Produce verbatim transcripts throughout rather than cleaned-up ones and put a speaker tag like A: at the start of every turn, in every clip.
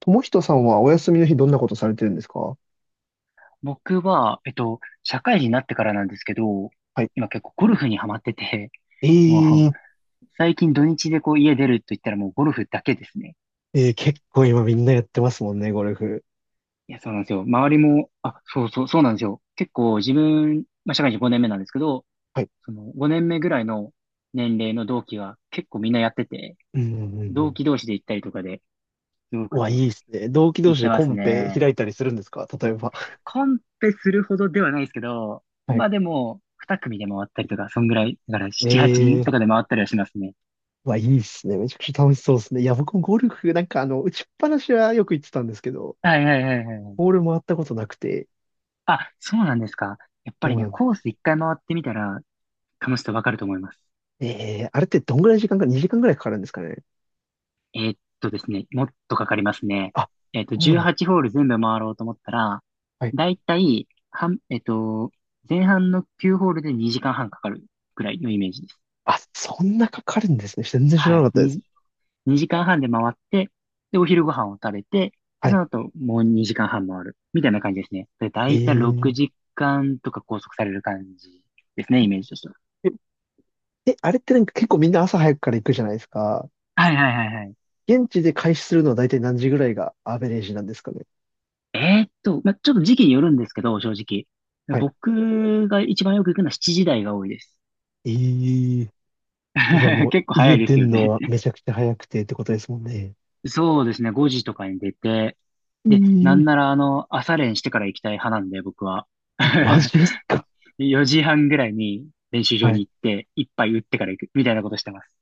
A: ともひとさんはお休みの日どんなことされてるんですか？
B: 僕は、えっと、社会人になってからなんですけど、
A: はい。
B: 今結構ゴルフにハマってて、
A: え
B: も
A: ー、
B: う、最近土日でこう家出ると言ったらもうゴルフだけですね。
A: えー結構今みんなやってますもんね、ゴルフ。
B: いや、そうなんですよ。周りも、あ、そうそう、そうなんですよ。結構自分、まあ、社会人ごねんめなんですけど、
A: はい。
B: そのごねんめぐらいの年齢の同期が結構みんなやってて、
A: うんうんうんう
B: 同
A: ん。
B: 期同士で行ったりとかで、すご
A: う
B: く
A: わ、
B: こう、
A: いいですね。同期同
B: 行っ
A: 士
B: て
A: で
B: ま
A: コ
B: す
A: ンペ
B: ね。
A: 開いたりするんですか例えば。
B: コンペするほどではないですけど、
A: は
B: ま
A: い。
B: あでも、に組で回ったりとか、そんぐらい、だからなな、8
A: え
B: 人と
A: ー、
B: かで回ったりはしますね。
A: うわ、いいですね。めちゃくちゃ楽しそうですね。いや、僕もゴルフ、なんかあの、打ちっぱなしはよく行ってたんですけど、
B: はいはいはいはい。
A: ボール回ったことなくて、
B: あ、そうなんですか。やっぱ
A: そ
B: り
A: うな
B: ね、
A: ん、
B: コース一回回ってみたら楽しさわかると思います。
A: えー、あれってどんぐらい時間か、にじかんぐらいかかるんですかね。
B: えーっとですね、もっとかかりますね。
A: あ、
B: えーっと、
A: そうなん、
B: じゅうはちホール全部回ろうと思ったら、
A: はい。
B: だいたい、半えーっと、前半のきゅうホールでにじかんはんかかるくらいのイメージです。
A: あ、そんなかかるんですね。全然知ら
B: は
A: なか
B: い。
A: ったです。
B: に、にじかんはんで回って、で、お昼ご飯を食べて、で
A: は
B: そ
A: い。
B: の後もうにじかんはん回る。みたいな感じですね。で、だ
A: え
B: いたい6
A: ー。
B: 時間とか拘束される感じですね、イメージとしては。
A: え、あれってなんか結構みんな朝早くから行くじゃないですか。
B: はいはいはいはい。
A: 現地で開始するのは大体何時ぐらいがアベレージなんですかね。
B: えーっと、まあ、ちょっと時期によるんですけど、正直。
A: はい。
B: 僕が一番よく行くのはしちじ台が多いです。
A: ええ、えじゃあ もう
B: 結構早
A: 家
B: いで
A: 出
B: すよ
A: んの
B: ね。
A: はめちゃくちゃ早くてってことですもんね。
B: そうですね、ごじとかに出て、で、なん
A: え
B: な
A: え、
B: らあの、朝練してから行きたい派なんで、僕は。
A: マジです か。
B: よじはんぐらいに練習場
A: は
B: に
A: い。
B: 行って、一杯打ってから行く、みたいなことしてます。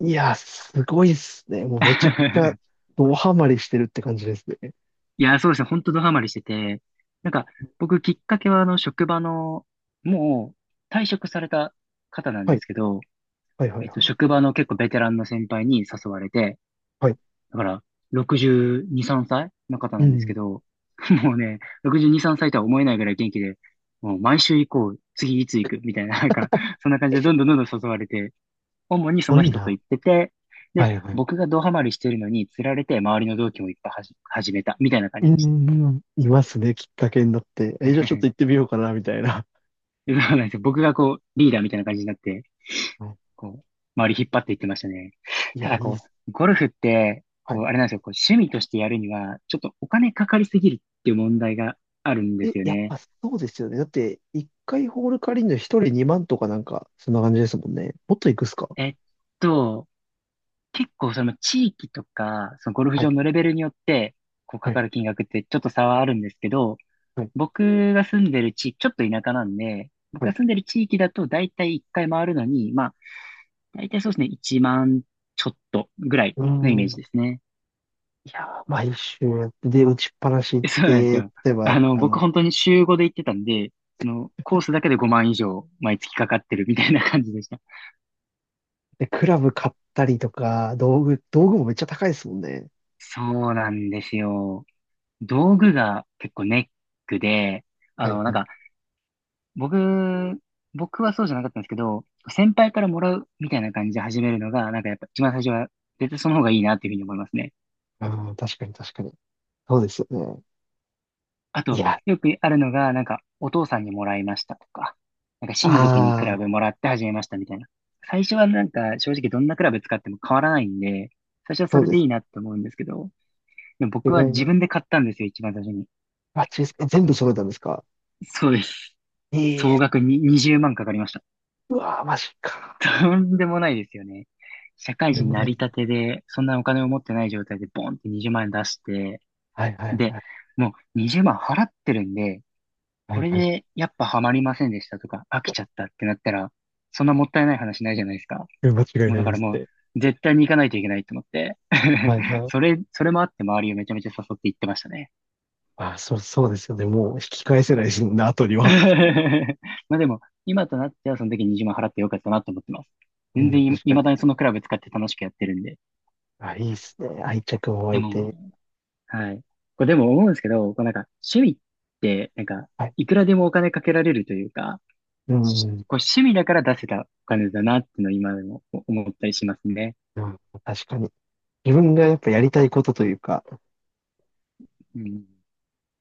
A: いや、すごいっすね。もうめちゃくちゃ ドハマりしてるって感じですね。
B: いや、そうですね、本当ドハマりしてて、なんか、僕きっかけはあの、職場の、もう退職された方なん
A: は
B: で
A: い。
B: すけど、
A: はいはい
B: えっと、
A: はい。
B: 職場の結構ベテランの先輩に誘われて、
A: はい。
B: だから、ろくじゅうに、さんさいの方
A: う
B: なんです
A: ん。
B: け
A: す
B: ど、もうね、ろくじゅうに、さんさいとは思えないぐらい元気で、もう毎週行こう、次いつ行く、みたいな、なんか、そんな感じでどんどんどんどん誘われて、主にそ
A: ご
B: の
A: い
B: 人と
A: な。
B: 行ってて、
A: は
B: で、
A: いはい。
B: 僕がドハマりしてるのに釣られて、周りの同期もいっぱいはじ、始めた、みたいな感
A: う
B: じでした。
A: ん。いますね。きっかけになって。え、じゃあちょっと行って みようかな、みたいな。
B: そうなんですよ。僕がこう、リーダーみたいな感じになって、
A: は
B: こう、周り引っ張っていってましたね。
A: い、い
B: た
A: や、
B: だ
A: いいっ
B: こ
A: す。
B: う、ゴルフって、
A: は
B: こう、
A: い、
B: あれなんですよ、こう、趣味としてやるには、ちょっとお金かかりすぎるっていう問題があるんで
A: え、
B: すよ
A: やっ
B: ね。
A: ぱそうですよね。だって、一回ホール借りるの一人にまんとかなんか、そんな感じですもんね。もっといくっすか？
B: えっと、結構その地域とか、そのゴルフ
A: は
B: 場
A: い、
B: のレベルによって、こう、か
A: はい、
B: かる金額ってちょっと差はあるんですけど、
A: はい、
B: 僕が住んでる地域、ちょっと田舎なんで、僕
A: は
B: が
A: い。
B: 住んでる地域だと、だいたいいっかい回るのに、まあ、だいたいそうですね、いちまんちょっとぐらい
A: うー
B: のイメー
A: ん。
B: ジですね。
A: いやー、毎週やって、で、打ちっぱなし行っ
B: そうなんです
A: て、
B: よ。
A: 例えば、
B: あの、
A: あ
B: 僕
A: の、
B: 本当に週ごで行ってたんで、その、コースだけでごまん以上毎月かかってるみたいな感じでした。
A: で、クラブ買ったりとか、道具、道具もめっちゃ高いですもんね。
B: そうなんですよ。道具が結構ネックで、あ
A: はい、
B: の、なん
A: はい。
B: か、僕、僕はそうじゃなかったんですけど、先輩からもらうみたいな感じで始めるのが、なんかやっぱ一番最初は絶対その方がいいなっていうふうに思いますね。
A: ああ、確かに確かに。そうですよね。
B: あ
A: い
B: と、
A: や、
B: よくあるのが、なんか、お父さんにもらいましたとか、なんか親族にクラ
A: ああ、
B: ブもらって始めましたみたいな。最初はなんか、正直どんなクラブ使っても変わらないんで、最初は
A: そ
B: そ
A: う
B: れ
A: で
B: でい
A: す。
B: いなって思うんですけど、でも
A: 意
B: 僕は
A: 外
B: 自
A: な。
B: 分で買ったんですよ、一番最初に。
A: あ、チーズ、え全部揃えたんですか？
B: そうです。
A: ええ、
B: 総額ににじゅうまんかかりました。
A: うわー、マジか。
B: とんでもないですよね。社会
A: で
B: 人
A: も
B: な
A: ね。
B: りたてで、そんなお金を持ってない状態でボンってにじゅうまん円出して、
A: はいはい
B: で、
A: はい。
B: もうにじゅうまん払ってるんで、
A: は
B: こ
A: い
B: れ
A: はい。
B: でやっぱハマりませんでしたとか、飽きちゃったってなったら、そんなもったいない話ないじゃないですか。
A: うん間違い
B: もう
A: な
B: だ
A: い
B: か
A: で
B: ら
A: す
B: も
A: ね。
B: う、絶対に行かないといけないと思って。
A: はい は
B: そ
A: い。
B: れ、それもあって周りをめちゃめちゃ誘って行ってましたね。
A: あ、そう、そうですよね。もう引き返せないですもんね、後には。
B: まあでも、今となってはその時にじゅうまん払ってよかったなと思ってます。
A: う
B: 全
A: ん、
B: 然い、
A: 確か
B: 未
A: に。
B: だにそのクラブ使って楽しくやってるんで。
A: あ、いいですね。愛着も湧
B: で
A: い
B: も、
A: て。
B: はい。これでも思うんですけど、こうなんか趣味って、なんか、
A: はい。
B: いくらでもお金かけられるというか、
A: う
B: し
A: ん、
B: こう趣味だから出せたお金だなっていうのを今でも思ったりしますね。
A: うん、確かに。自分がやっぱやりたいことというか、
B: うん。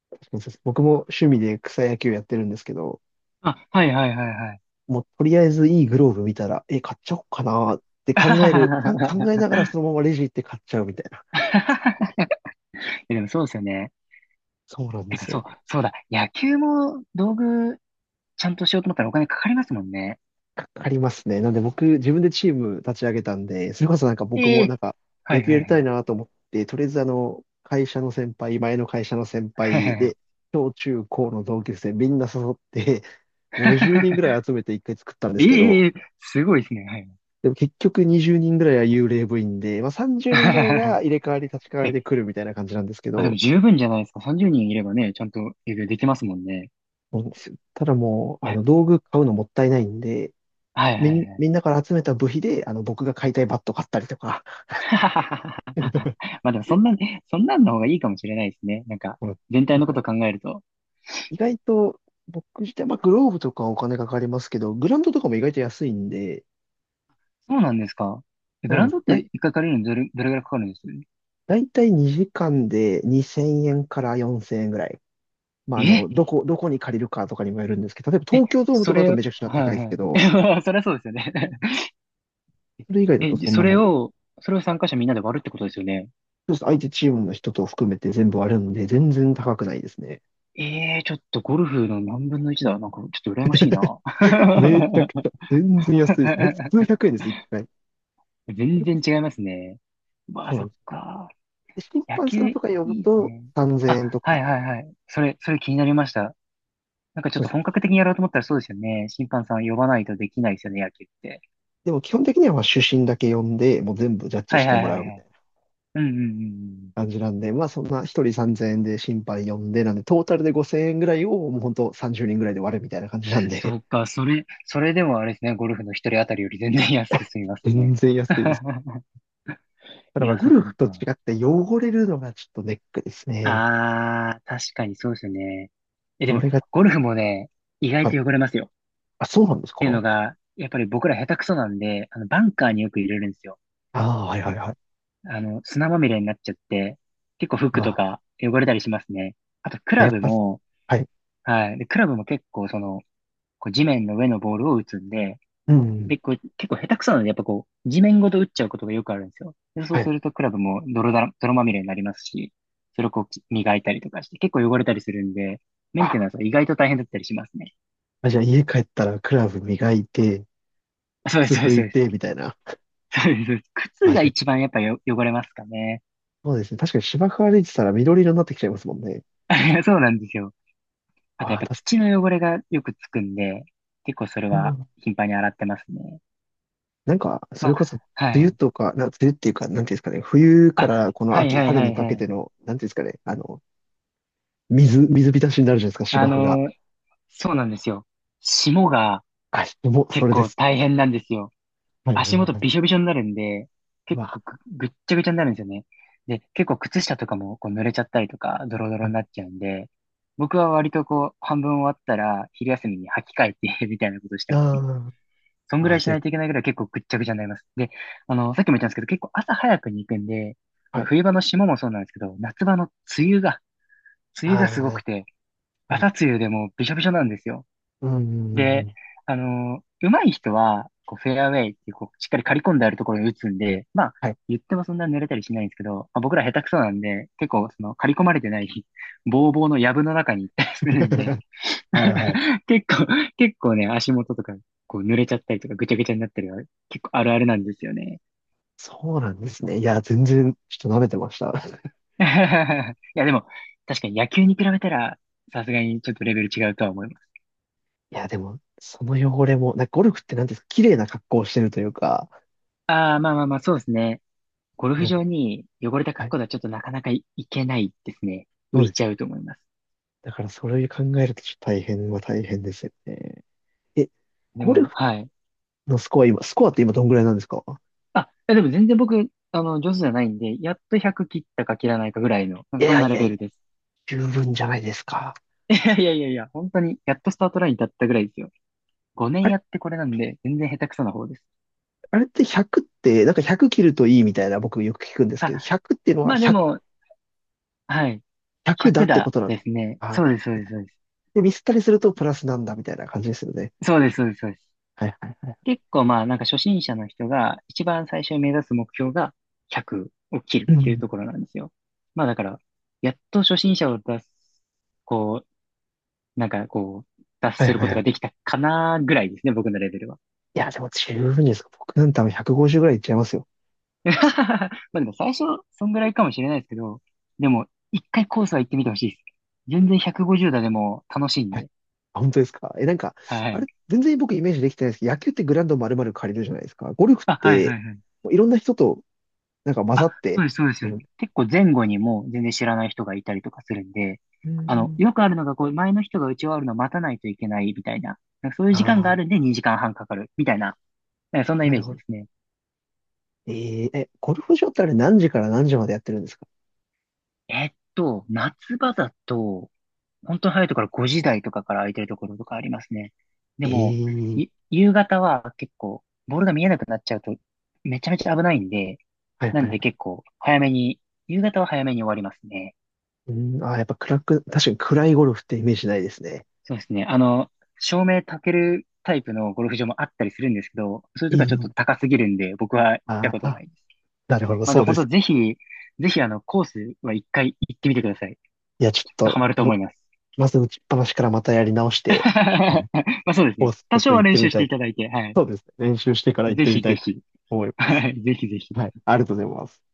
A: 確かにそうです、僕も趣味で草野球やってるんですけど、
B: あ、はいはいはいはい。
A: もうとりあえずいいグローブ見たら、え、買っちゃおうかなって考える、か考え ながらそのままレジ行って買っちゃうみたいな。
B: いやでもそうですよね。
A: そうなんで
B: てから
A: すよ
B: そう、
A: ね。
B: そうだ。野球も道具ちゃんとしようと思ったらお金かかりますもんね。
A: かかりますね。なんで僕、自分でチーム立ち上げたんで、それこそなんか僕
B: え
A: も
B: え、
A: なんか
B: は
A: 野
B: い
A: 球
B: は
A: や
B: い
A: り
B: は
A: たい
B: い。
A: なと思って、とりあえずあの、会社の先輩、前の会社の先輩で、小中高の同級生みんな誘って、ごじゅうにんぐらい 集めて一回作ったんで
B: え
A: すけど、
B: えええ、すごいですね。はい。
A: でも結局にじゅうにんぐらいは幽霊部員で、まあ、さんじゅうにんぐらい が入れ替わり立ち替わり
B: え、
A: で来るみたいな感じなんですけ
B: あ、でも
A: ど、
B: 十分じゃないですか。さんじゅうにんいればね、ちゃんと営業できますもんね。
A: そうなんですよ、ただもう、
B: い
A: あ
B: や、
A: の、道具買うのもったいないんで、
B: はいは
A: み
B: い
A: ん、
B: はい。
A: みんなから集めた部費で、あの、僕が買いたいバット買ったりとか、
B: まあでもそんなね、そんなんの方がいいかもしれないですね。なんか、
A: この、
B: 全体
A: だ
B: の
A: か
B: こ
A: ら、
B: と考えると。
A: 意外と、僕自体、まあ、グローブとかはお金かかりますけど、グラウンドとかも意外と安いんで、
B: そうなんですか。え、
A: そ
B: グ
A: うな
B: ラ
A: ん
B: ウン
A: です
B: ドっ
A: よ。だい、
B: て一回借りるのにどれ、どれぐらいかかるんです
A: だいたいにじかんでにせんえんからよんせんえんぐらい。まあ、あ
B: え
A: の、どこ、どこに借りるかとかにもよるんですけど、例えば
B: え、
A: 東京ドームと
B: そ
A: かだ
B: れ、
A: と
B: は
A: めちゃくちゃ高いですけ
B: い
A: ど、
B: はい。そりゃそうですよね。
A: それ以外 だ
B: え、
A: と
B: じ
A: そん
B: そ
A: なも
B: れ
A: ん。
B: を、それを参加者みんなで割るってことですよね。
A: そうです、相手チームの人と含めて全部あるんで、全然高くないですね。
B: ええー、ちょっとゴルフの何分のいちだ。なんか、ちょっと羨ましいな。
A: めちゃくちゃ、全然安いです。ほんと数百円です、一回。そ
B: 全
A: れこ
B: 然違いますね。
A: そ、
B: まあ、
A: そうな
B: そ
A: ん
B: っ
A: です。
B: か。
A: で、審
B: 野
A: 判さ
B: 球
A: ん
B: い
A: とか呼ぶ
B: いです
A: と
B: ね。
A: 3000
B: あ、
A: 円と
B: は
A: か、
B: いはいはい。それ、それ気になりました。なんかちょっ
A: そう
B: と
A: で
B: 本
A: す。
B: 格的にやろうと思ったらそうですよね。審判さん呼ばないとできないですよね、野球って。
A: でも基本的にはまあ主審だけ呼んで、もう全部ジャッジ
B: は
A: し
B: いは
A: て
B: い
A: も
B: は
A: らう
B: い
A: み
B: は
A: たい
B: い。
A: な
B: うんうんうんう
A: 感
B: ん。
A: じなんで、まあそんな一人さんぜんえんで審判呼んで、なんでトータルでごせんえんぐらいをもう本当さんじゅうにんぐらいで割るみたいな感じなん
B: そ
A: で、
B: うか、それ、それでもあれですね、ゴルフの一人当たりより全然安く済み ます
A: 全
B: ね。
A: 然安いです。ただ
B: い
A: まあ
B: や、
A: ゴ
B: そっ
A: ル
B: かそっ
A: フと違
B: か。
A: って汚れるのがちょっとネックですね。
B: あー、確かにそうですよね。え、で
A: そ
B: も、
A: れが、
B: ゴルフもね、意外
A: はい。
B: と汚れますよ。
A: あ、そうなんです
B: っていうの
A: か？
B: が、やっぱり僕ら下手くそなんで、あの、バンカーによく入れるんですよ。
A: ああはいはいはい。
B: あの、砂まみれになっちゃって、結構服
A: ま
B: とか汚れたりしますね。あと、ク
A: あ、や
B: ラ
A: っ
B: ブ
A: ぱ、
B: も、
A: はい。
B: はい。で、クラブも結構、その、こう地面の上のボールを打つんで、
A: うん。
B: で、こう、結構下手くそなので、やっぱこう、地面ごと打っちゃうことがよくあるんですよ。で、そう
A: は
B: す
A: い。
B: ると、クラブも泥だら、泥まみれになりますし、それをこう、き磨いたりとかして、結構汚れたりするんで、メン
A: あ、
B: テナンスは意外と大変だったりしますね。
A: じゃあ家帰ったらクラブ磨いて、
B: あ、そうです、
A: 靴
B: そうで
A: 拭
B: す、そ
A: い
B: うです。
A: て、みたいな。
B: そうです。そうです、靴
A: あ、
B: が
A: じゃあ、
B: 一番やっぱよ汚れますかね。
A: そうですね。確かに芝生歩いてたら緑色になってきちゃいますもんね。
B: そうなんですよ。あとやっ
A: ああ、
B: ぱ
A: 確か
B: 土の汚れがよくつくんで、結構それ
A: に。う
B: は
A: ん、
B: 頻繁に洗ってますね。
A: なんか、そ
B: ま
A: れこ
B: あ、
A: そ、
B: は
A: 梅雨
B: い。
A: とか、な、梅雨っていうか、なんていうんですかね、冬からこの
B: はい
A: 秋、
B: はい
A: 春
B: は
A: に
B: い
A: か
B: は
A: け
B: い。
A: ての、なんていうんですかね、あの、水、水浸しになるじゃないですか、
B: あ
A: 芝生が。
B: のーそうなんですよ。霜が
A: あ、もう、そ
B: 結
A: れで
B: 構
A: す。
B: 大変なんですよ。
A: はいはい
B: 足
A: は
B: 元
A: い。
B: びしょびしょになるんで、
A: う
B: 結構
A: わ、
B: ぐ、ぐっちゃぐちゃになるんですよね。で、結構靴下とかもこう濡れちゃったりとか、ドロド
A: は
B: ロに
A: い。
B: なっちゃうんで、僕は割とこう、半分終わったら、昼休みに履き替えて みたいなことしてます
A: あ
B: ね。そん
A: あ、
B: ぐ
A: あ
B: ら
A: あ、
B: いしな
A: で、
B: いといけないぐらい結構ぐっちゃぐちゃになります。で、あの、さっきも言ったんですけど、結構朝早くに行くんで、あ
A: は
B: の、
A: い。
B: 冬場の霜もそうなんですけど、夏場の梅雨が、梅雨がすご
A: あ
B: くて、
A: あ、は
B: 朝
A: い。
B: 梅雨でもうびしょびしょなんですよ。
A: うんうんうんう
B: で、
A: ん。
B: あの、上手い人は、こう、フェアウェイっていう、こう、しっかり刈り込んであるところに打つんで、まあ、
A: はい。
B: 言ってもそんな濡れたりしないんですけど、まあ、僕ら下手くそなんで、結構、その、刈り込まれてない、ぼうぼうの藪の中に行ったりするんで、
A: はいはい。
B: 結構、結構ね、足元とか、こう濡れちゃったりとか、ぐちゃぐちゃになったりは、結構あるあるなんですよね。
A: そうなんですね。いや、全然、ちょっと舐めてました。
B: いや、でも、確かに野球に比べたら、さすがにちょっとレベル違うとは思います。
A: いや、でも、その汚れも、なんかゴルフってなんていうんですか、綺麗な格好をしてるというか、
B: ああ、まあまあまあ、そうですね。ゴルフ
A: なん、
B: 場に汚れた
A: は
B: 格
A: い。
B: 好ではちょっとなかなかい、いけないですね。
A: そ
B: 浮
A: う
B: い
A: で
B: ちゃ
A: す、
B: うと思います。
A: だからそれを考えるとちょっと大変は大変ですよね。え、
B: で
A: ゴル
B: も、
A: フ
B: はい。
A: のスコア今、スコアって今どんぐらいなんですか？
B: あ、いやでも全然僕、あの、上手じゃないんで、やっとひゃく切ったか切らないかぐらいの、なん
A: い
B: かそん
A: や
B: な
A: い
B: レ
A: や
B: ベ
A: い
B: ル
A: や、
B: です。
A: 十分じゃないですか。
B: いやいやいやいや、本当に、やっとスタートラインに立ったぐらいですよ。ごねん
A: あれ、
B: やってこれなんで、全然下手くそな方です。
A: あれってひゃくって、なんかひゃく切るといいみたいな僕よく聞くんですけ
B: あ、
A: ど、ひゃくっていうのは
B: まあで
A: ひゃく、
B: も、はい。
A: ひゃくだ
B: ひゃく
A: ってこ
B: だ
A: となんです
B: ですね。
A: か？ああ、ひ
B: そうです、そう
A: ゃく
B: です、
A: だ。
B: そうです。
A: で、ミスったりするとプラスなんだみたいな感じですよね。
B: そうです、そうです、そうです。
A: はいはいはい。
B: 結構まあ、なんか初心者の人が一番最初に目指す目標がひゃくを切る
A: う
B: っていう
A: ん。
B: ところなんですよ。まあだから、やっと初心者を出す、こう、なんかこう、脱
A: はい
B: する
A: は
B: こ
A: い
B: と
A: は
B: が
A: い。
B: できたかなぐらいですね、僕のレベルは。
A: いや、でも十分ですか。僕なんて多分ひゃくごじゅうぐらいいっちゃいますよ。
B: まあでも最初、そんぐらいかもしれないですけど、でも、一回コースは行ってみてほしいです。全然ひゃくごじゅう打でも楽しいん
A: はい、
B: で。
A: あ、本当ですか？え、なんか、
B: は
A: あ
B: い。
A: れ、全然僕イメージできてないですけど、野球ってグラウンド丸々借りるじゃないですか。ゴルフっ
B: あ、はい
A: て、
B: はいはい。
A: もういろんな人と、なんか混ざ
B: あ、
A: っ
B: そう
A: て
B: です、そうで
A: や
B: す。
A: る、
B: 結構前後にもう全然知らない人がいたりとかするんで、
A: うんう
B: あの、
A: ん。
B: よくあるのが、こう、前の人が打ち終わるのを待たないといけないみたいな、なんかそういう時間があ
A: ああ、
B: るんでにじかんはんかかるみたいな、なんかそんなイ
A: な
B: メー
A: る
B: ジ
A: ほ
B: で
A: ど。
B: すね。
A: えー、え、ゴルフ場ってあれ何時から何時までやってるんですか？
B: えっと、夏場だと、本当に早いところごじ台とかから空いてるところとかありますね。でも、
A: ええ、
B: ゆ夕方は結構、ボールが見えなくなっちゃうと、めちゃめちゃ危ないんで、
A: はい
B: な
A: はい
B: ん
A: は
B: で
A: い。
B: 結構、早めに、夕方は早めに終わりますね。
A: うん、ああ、やっぱ暗く、確かに暗いゴルフってイメージないですね。
B: そうですね。あの、照明焚けるタイプのゴルフ場もあったりするんですけど、それとか
A: え
B: ちょっと
A: え、
B: 高すぎるんで、僕は行った
A: あ
B: ことな
A: あ、
B: いです。
A: なるほど、
B: まあで
A: そう
B: も
A: で
B: 本当
A: す。
B: ぜひ、ぜひあの、コースは一回行ってみてください。
A: いや、ちょっ
B: きっと
A: と、
B: ハマると思
A: ま、
B: います。
A: まず打ちっぱなしからまたやり直し て、
B: まあそうです
A: コ
B: ね。
A: ースちょ
B: 多
A: っ
B: 少
A: と
B: は
A: 行っ
B: 練
A: て
B: 習
A: み
B: し
A: た
B: て
A: い。
B: いただいて、はい。
A: そうですね。練習してから行っ
B: ぜ
A: てみ
B: ひ
A: た
B: ぜ
A: いと
B: ひ。
A: 思います。
B: はい。ぜひぜひ。
A: はい。ありがとうございます。